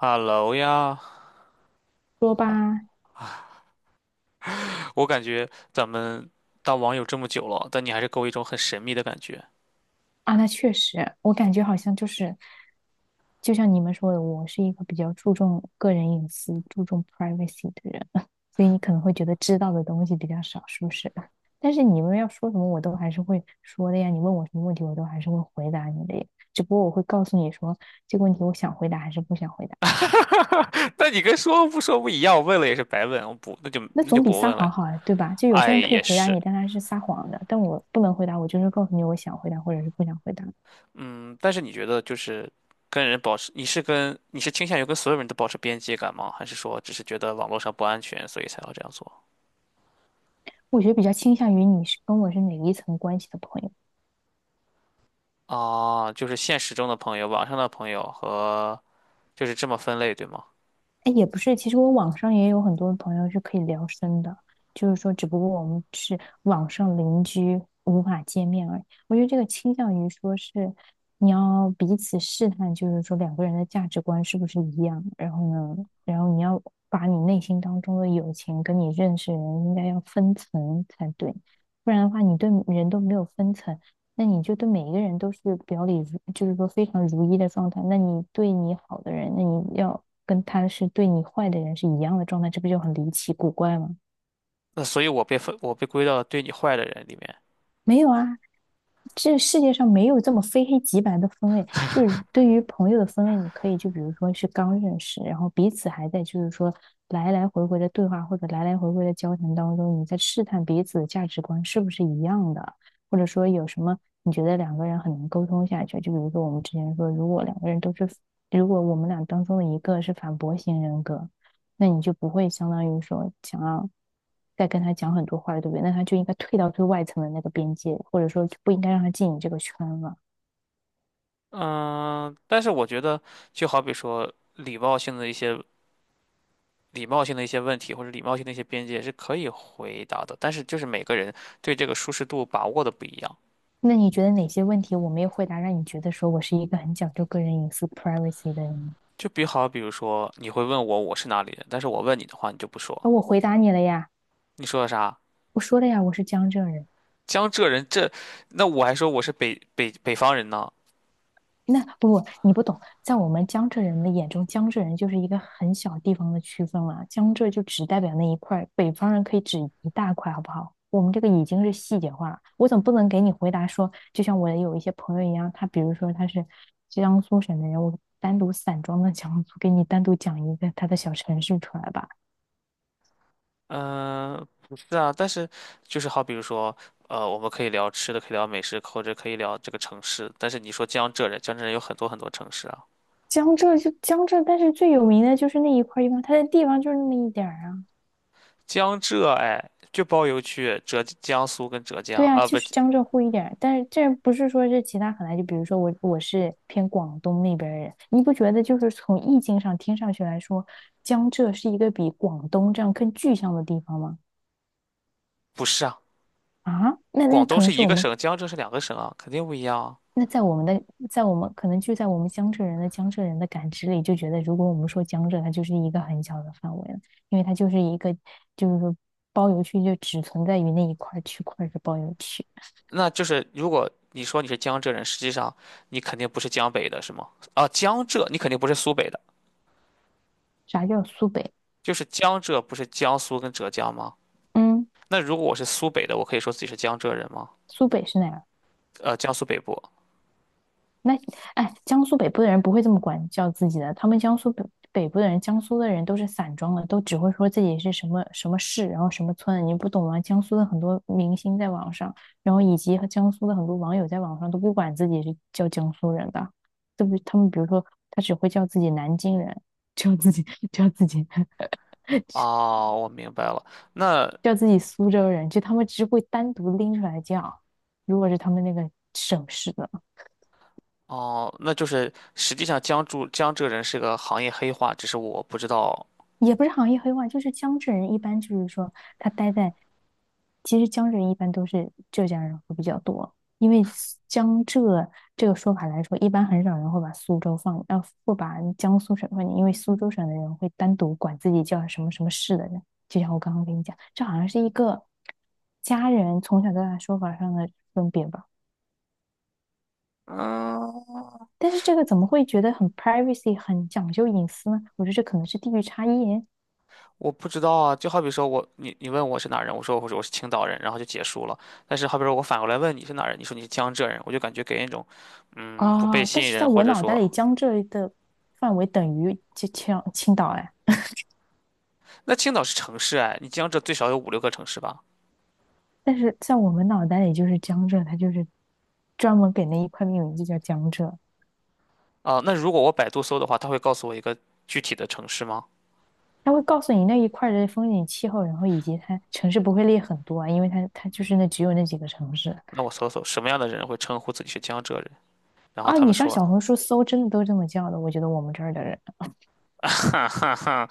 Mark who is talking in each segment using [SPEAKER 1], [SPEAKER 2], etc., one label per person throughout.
[SPEAKER 1] Hello 呀，
[SPEAKER 2] 说吧。
[SPEAKER 1] 啊，我感觉咱们当网友这么久了，但你还是给我一种很神秘的感觉。
[SPEAKER 2] 啊，那确实，我感觉好像就是，就像你们说的，我是一个比较注重个人隐私、注重 privacy 的人，所以你可能会觉得知道的东西比较少，是不是？但是你们要说什么，我都还是会说的呀。你问我什么问题，我都还是会回答你的呀。只不过我会告诉你说，这个问题我想回答还是不想回答。
[SPEAKER 1] 那你跟说不说不一样，我问了也是白问，我不，那就
[SPEAKER 2] 那
[SPEAKER 1] 那就
[SPEAKER 2] 总比
[SPEAKER 1] 不
[SPEAKER 2] 撒
[SPEAKER 1] 问了。
[SPEAKER 2] 谎好啊，对吧？就有些
[SPEAKER 1] 哎，
[SPEAKER 2] 人可以
[SPEAKER 1] 也
[SPEAKER 2] 回答
[SPEAKER 1] 是，
[SPEAKER 2] 你，但他是撒谎的，但我不能回答，我就是告诉你我想回答或者是不想回答。
[SPEAKER 1] 嗯，但是你觉得就是跟人保持，你是倾向于跟所有人都保持边界感吗？还是说只是觉得网络上不安全，所以才要这样做？
[SPEAKER 2] 我觉得比较倾向于你是跟我是哪一层关系的朋友。
[SPEAKER 1] 啊，就是现实中的朋友，网上的朋友和就是这么分类，对吗？
[SPEAKER 2] 哎，也不是，其实我网上也有很多朋友是可以聊深的，就是说，只不过我们是网上邻居，无法见面而已。我觉得这个倾向于说是你要彼此试探，就是说两个人的价值观是不是一样，然后呢，然后你要把你内心当中的友情跟你认识人应该要分层才对，不然的话，你对人都没有分层。那你就对每一个人都是表里如，就是说非常如一的状态。那你对你好的人，那你要跟他是对你坏的人是一样的状态，这不就很离奇古怪吗？
[SPEAKER 1] 那所以我被归到对你坏的人里面。
[SPEAKER 2] 没有啊，这世界上没有这么非黑即白的分类。就是对于朋友的分类，你可以就比如说是刚认识，然后彼此还在就是说来来回回的对话或者来来回回的交谈当中，你在试探彼此的价值观是不是一样的，或者说有什么你觉得两个人很能沟通下去。就比如说我们之前说，如果两个人都是，如果我们俩当中的一个是反驳型人格，那你就不会相当于说想要。在跟他讲很多话了，对不对？那他就应该退到最外层的那个边界，或者说不应该让他进你这个圈了。
[SPEAKER 1] 嗯，但是我觉得，就好比说礼貌性的一些问题，或者礼貌性的一些边界是可以回答的，但是就是每个人对这个舒适度把握的不一样。
[SPEAKER 2] 那你觉得哪些问题我没有回答，让你觉得说我是一个很讲究个人隐私（ （privacy） 的人？
[SPEAKER 1] 就比好，比如说你会问我是哪里人，但是我问你的话，你就不说，
[SPEAKER 2] 那我回答你了呀，
[SPEAKER 1] 你说的啥？
[SPEAKER 2] 我说了呀，我是江浙人。
[SPEAKER 1] 江浙人这，那我还说我是北方人呢。
[SPEAKER 2] 那不不，你不懂，在我们江浙人的眼中，江浙人就是一个很小地方的区分了。江浙就只代表那一块儿北方人可以指一大块，好不好？我们这个已经是细节化了。我总不能给你回答说，就像我有一些朋友一样，他比如说他是江苏省的人，我单独散装的江苏，给你单独讲一个他的小城市出来吧。
[SPEAKER 1] 嗯、不是啊，但是比如说。我们可以聊吃的，可以聊美食，或者可以聊这个城市。但是你说江浙人，江浙人有很多很多城市啊。
[SPEAKER 2] 江浙就江浙，但是最有名的就是那一块地方，它的地方就是那么一点儿啊。
[SPEAKER 1] 江浙哎，就包邮去浙江苏跟浙江
[SPEAKER 2] 对啊，
[SPEAKER 1] 啊，
[SPEAKER 2] 就
[SPEAKER 1] 不
[SPEAKER 2] 是江浙沪一点儿但是这不是说这其他很难，就比如说我是偏广东那边儿人，你不觉得就是从意境上听上去来说，江浙是一个比广东这样更具象的地方吗？
[SPEAKER 1] 不是啊，
[SPEAKER 2] 啊，那
[SPEAKER 1] 广东
[SPEAKER 2] 可能
[SPEAKER 1] 是
[SPEAKER 2] 是
[SPEAKER 1] 一
[SPEAKER 2] 我
[SPEAKER 1] 个
[SPEAKER 2] 们
[SPEAKER 1] 省，江浙是两个省啊，肯定不一样啊。
[SPEAKER 2] 那在我们的在我们可能就在我们江浙人的江浙人的感知里，就觉得如果我们说江浙，它就是一个很小的范围了，因为它就是一个就是说包邮区就只存在于那一块儿区块儿是包邮区。
[SPEAKER 1] 那就是如果你说你是江浙人，实际上你肯定不是江北的，是吗？啊，江浙你肯定不是苏北的，
[SPEAKER 2] 啥叫苏北？
[SPEAKER 1] 就是江浙不是江苏跟浙江吗？
[SPEAKER 2] 嗯，
[SPEAKER 1] 那如果我是苏北的，我可以说自己是江浙人吗？
[SPEAKER 2] 苏北是哪？
[SPEAKER 1] 江苏北部。
[SPEAKER 2] 那哎，江苏北部的人不会这么管叫自己的，他们江苏北部的人，江苏的人都是散装的，都只会说自己是什么什么市，然后什么村，你不懂吗？江苏的很多明星在网上，然后以及和江苏的很多网友在网上都不管自己是叫江苏人的，都不？他们比如说他只会叫自己南京人，叫自己 叫自己
[SPEAKER 1] 哦，我明白了。那
[SPEAKER 2] 叫自己苏州人，就他们只会单独拎出来叫，如果是他们那个省市的。
[SPEAKER 1] 哦，那就是实际上江浙人是个行业黑话，只是我不知道。
[SPEAKER 2] 也不是行业黑话，就是江浙人一般就是说他待在，其实江浙人一般都是浙江人会比较多，因为苏江浙这个说法来说，一般很少人会把苏州放，会把江苏省放进，因为苏州省的人会单独管自己叫什么什么市的人，就像我刚刚跟你讲，这好像是一个家人从小到大说法上的分别吧。
[SPEAKER 1] 嗯，
[SPEAKER 2] 但是这个怎么会觉得很 privacy，很讲究隐私呢？我觉得这可能是地域差异。
[SPEAKER 1] 我不知道啊，就好比说我，你问我是哪人，我说我是青岛人，然后就结束了。但是好比说我反过来问你是哪人，你说你是江浙人，我就感觉给人一种，嗯，不被
[SPEAKER 2] 啊，但
[SPEAKER 1] 信
[SPEAKER 2] 是在
[SPEAKER 1] 任，或
[SPEAKER 2] 我
[SPEAKER 1] 者
[SPEAKER 2] 脑袋
[SPEAKER 1] 说，
[SPEAKER 2] 里，江浙的范围等于就青岛哎，
[SPEAKER 1] 那青岛是城市哎，你江浙最少有五六个城市吧？
[SPEAKER 2] 但是在我们脑袋里就是江浙，它就是专门给那一块命名就叫江浙。
[SPEAKER 1] 啊，那如果我百度搜的话，它会告诉我一个具体的城市吗？
[SPEAKER 2] 它会告诉你那一块儿的风景气候，然后以及它城市不会列很多啊，因为它就是那只有那几个城市
[SPEAKER 1] 那我搜搜什么样的人会称呼自己是江浙人，然后
[SPEAKER 2] 啊。
[SPEAKER 1] 他
[SPEAKER 2] 你
[SPEAKER 1] 们
[SPEAKER 2] 上
[SPEAKER 1] 说，
[SPEAKER 2] 小红书搜，真的都这么叫的，我觉得我们这儿的人，
[SPEAKER 1] 哈哈哈，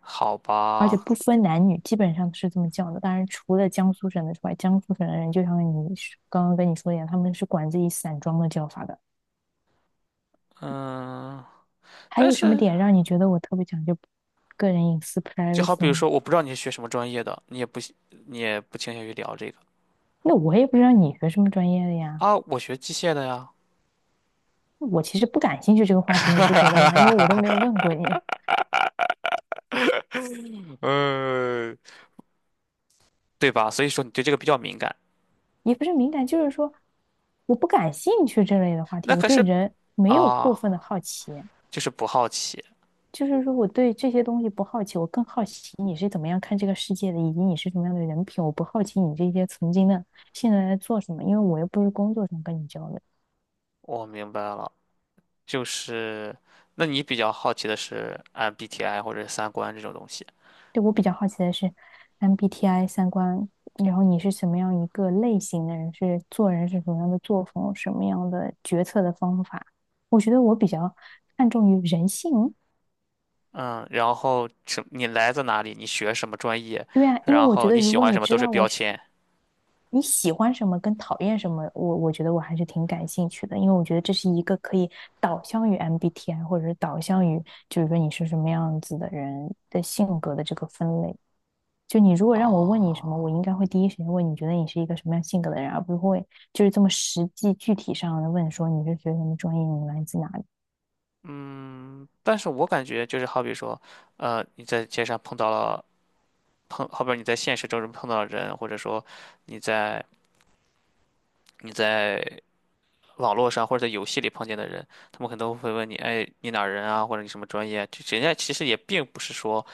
[SPEAKER 1] 好
[SPEAKER 2] 而且
[SPEAKER 1] 吧，
[SPEAKER 2] 不分男女，基本上都是这么叫的。当然，除了江苏省的之外，江苏省的人就像你说刚刚跟你说的一样，他们是管自己散装的叫法的。
[SPEAKER 1] 嗯，
[SPEAKER 2] 还
[SPEAKER 1] 但
[SPEAKER 2] 有什么
[SPEAKER 1] 是
[SPEAKER 2] 点让你觉得我特别讲究个人隐私
[SPEAKER 1] 就好比
[SPEAKER 2] privacy
[SPEAKER 1] 如
[SPEAKER 2] 呢？
[SPEAKER 1] 说，我不知道你是学什么专业的，你也不倾向于聊这个。
[SPEAKER 2] 那我也不知道你学什么专业的呀。
[SPEAKER 1] 啊，我学机械的呀，
[SPEAKER 2] 我其实不感兴趣这个话题，你不觉得吗？因为我都没有问过你。
[SPEAKER 1] 呃，对吧？所以说你对这个比较敏感。
[SPEAKER 2] 也不是敏感，就是说我不感兴趣这类的话题，
[SPEAKER 1] 那
[SPEAKER 2] 我
[SPEAKER 1] 可
[SPEAKER 2] 对
[SPEAKER 1] 是
[SPEAKER 2] 人没有
[SPEAKER 1] 啊，
[SPEAKER 2] 过分的好奇，
[SPEAKER 1] 就是不好奇。
[SPEAKER 2] 就是说我对这些东西不好奇，我更好奇你是怎么样看这个世界的，以及你是什么样的人品，我不好奇你这些曾经的现在在做什么，因为我又不是工作上跟你交流。
[SPEAKER 1] 我明白了，就是那你比较好奇的是 MBTI 或者是三观这种东西。
[SPEAKER 2] 对，我比较好奇的是，MBTI 三观，然后你是什么样一个类型的人？是做人是什么样的作风？什么样的决策的方法？我觉得我比较看重于人性。
[SPEAKER 1] 嗯，然后你来自哪里？你学什么专业？
[SPEAKER 2] 对啊，因为
[SPEAKER 1] 然
[SPEAKER 2] 我觉
[SPEAKER 1] 后
[SPEAKER 2] 得
[SPEAKER 1] 你
[SPEAKER 2] 如
[SPEAKER 1] 喜
[SPEAKER 2] 果
[SPEAKER 1] 欢
[SPEAKER 2] 你
[SPEAKER 1] 什么都
[SPEAKER 2] 知
[SPEAKER 1] 是
[SPEAKER 2] 道我
[SPEAKER 1] 标
[SPEAKER 2] 喜
[SPEAKER 1] 签
[SPEAKER 2] 你喜欢什么跟讨厌什么，我觉得我还是挺感兴趣的，因为我觉得这是一个可以导向于 MBTI 或者是导向于，就是说你是什么样子的人的性格的这个分类。就你如果让我问你什么，我应
[SPEAKER 1] 啊。
[SPEAKER 2] 该会第一时间问你觉得你是一个什么样性格的人，而不会就是这么实际具体上的问说你是学什么专业，你来自哪里。
[SPEAKER 1] 嗯，但是我感觉就是好比说，你在街上碰到了碰，好比你在现实中碰到了人，或者说你在你在网络上或者在游戏里碰见的人，他们可能都会问你，哎，你哪儿人啊，或者你什么专业啊？就人家其实也并不是说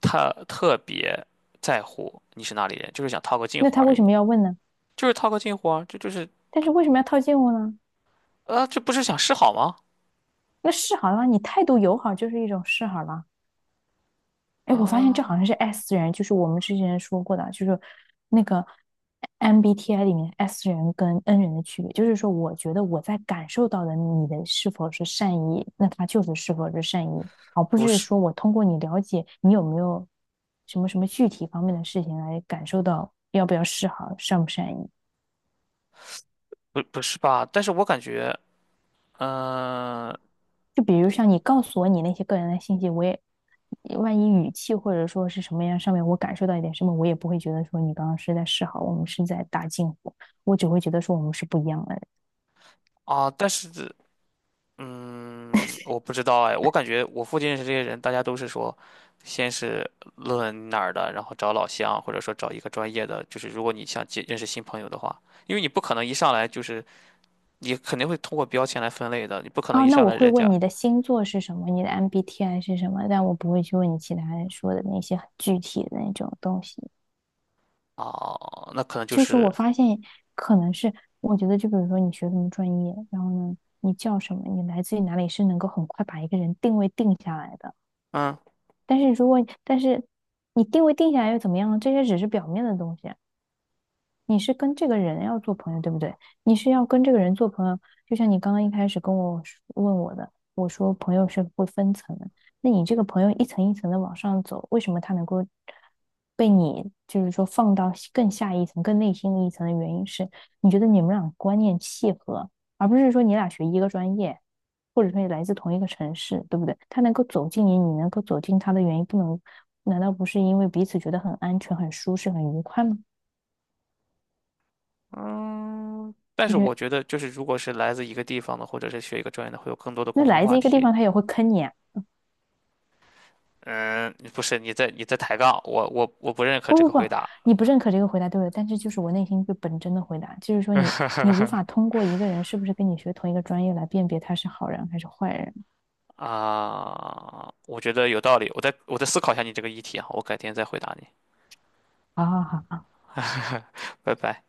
[SPEAKER 1] 特别在乎你是哪里人，就是想套个近
[SPEAKER 2] 那
[SPEAKER 1] 乎
[SPEAKER 2] 他
[SPEAKER 1] 而
[SPEAKER 2] 为
[SPEAKER 1] 已，
[SPEAKER 2] 什么要问呢？
[SPEAKER 1] 就是套个近乎啊，这就是
[SPEAKER 2] 但是为什么要套近乎呢？
[SPEAKER 1] 啊，这不是想示好吗？
[SPEAKER 2] 那示好了，你态度友好就是一种示好了。哎，我发现这好像是
[SPEAKER 1] 啊，
[SPEAKER 2] S 人，就是我们之前说过的，就是那个 MBTI 里面 S 人跟 N 人的区别，就是说，我觉得我在感受到的你的是否是善意，那他就是是否是善意，而不
[SPEAKER 1] 不
[SPEAKER 2] 是
[SPEAKER 1] 是，
[SPEAKER 2] 说我通过你了解你有没有什么什么具体方面的事情来感受到要不要示好，善不善意。
[SPEAKER 1] 不是吧？但是我感觉，嗯、
[SPEAKER 2] 就比如像你告诉我你那些个人的信息，我也万一语气或者说是什么样上面我感受到一点什么，我也不会觉得说你刚刚是在示好，我们是在搭近乎，我只会觉得说我们是不一样的人。
[SPEAKER 1] 啊，嗯，我不知道哎，我感觉我附近认识这些人，大家都是说，先是论哪儿的，然后找老乡，或者说找一个专业的，就是如果你想认识新朋友的话，因为你不可能一上来就是，你肯定会通过标签来分类的，你不可能
[SPEAKER 2] 哦，
[SPEAKER 1] 一
[SPEAKER 2] 那
[SPEAKER 1] 上
[SPEAKER 2] 我
[SPEAKER 1] 来
[SPEAKER 2] 会
[SPEAKER 1] 人家
[SPEAKER 2] 问你的星座是什么，你的 MBTI 是什么，但我不会去问你其他人说的那些很具体的那种东西。
[SPEAKER 1] 哦，那可能就
[SPEAKER 2] 就是我
[SPEAKER 1] 是，
[SPEAKER 2] 发现可能是，我觉得就比如说你学什么专业，然后呢，你叫什么，你来自于哪里，是能够很快把一个人定位定下来的。
[SPEAKER 1] 嗯
[SPEAKER 2] 但是你定位定下来又怎么样呢？这些只是表面的东西啊。你是跟这个人要做朋友，对不对？你是要跟这个人做朋友，就像你刚刚一开始跟我说问我的，我说朋友是会分层的，那你这个朋友一层一层的往上走，为什么他能够被你就是说放到更下一层、更内心的一层的原因是，你觉得你们俩观念契合，而不是说你俩学一个专业，或者说你来自同一个城市，对不对？他能够走进你，你能够走进他的原因，不能，难道不是因为彼此觉得很安全、很舒适、很愉快吗？
[SPEAKER 1] 嗯，但
[SPEAKER 2] 我
[SPEAKER 1] 是
[SPEAKER 2] 觉
[SPEAKER 1] 我
[SPEAKER 2] 得
[SPEAKER 1] 觉得就是如果是来自一个地方的，或者是学一个专业的，会有更多的
[SPEAKER 2] 那
[SPEAKER 1] 共同
[SPEAKER 2] 来自
[SPEAKER 1] 话
[SPEAKER 2] 一个地
[SPEAKER 1] 题。
[SPEAKER 2] 方，他也会坑你啊！
[SPEAKER 1] 嗯，不是，你在抬杠，我不认可
[SPEAKER 2] 不
[SPEAKER 1] 这
[SPEAKER 2] 不
[SPEAKER 1] 个
[SPEAKER 2] 不，
[SPEAKER 1] 回答。
[SPEAKER 2] 你不认可这个回答对了，但这就是我内心最本真的回答，就是说你无法通过一个人是不是跟你学同一个专业来辨别他是好人还是坏人。
[SPEAKER 1] 啊，我觉得有道理，我再思考一下你这个议题啊，我改天再回答你，
[SPEAKER 2] 好好好。
[SPEAKER 1] 拜拜。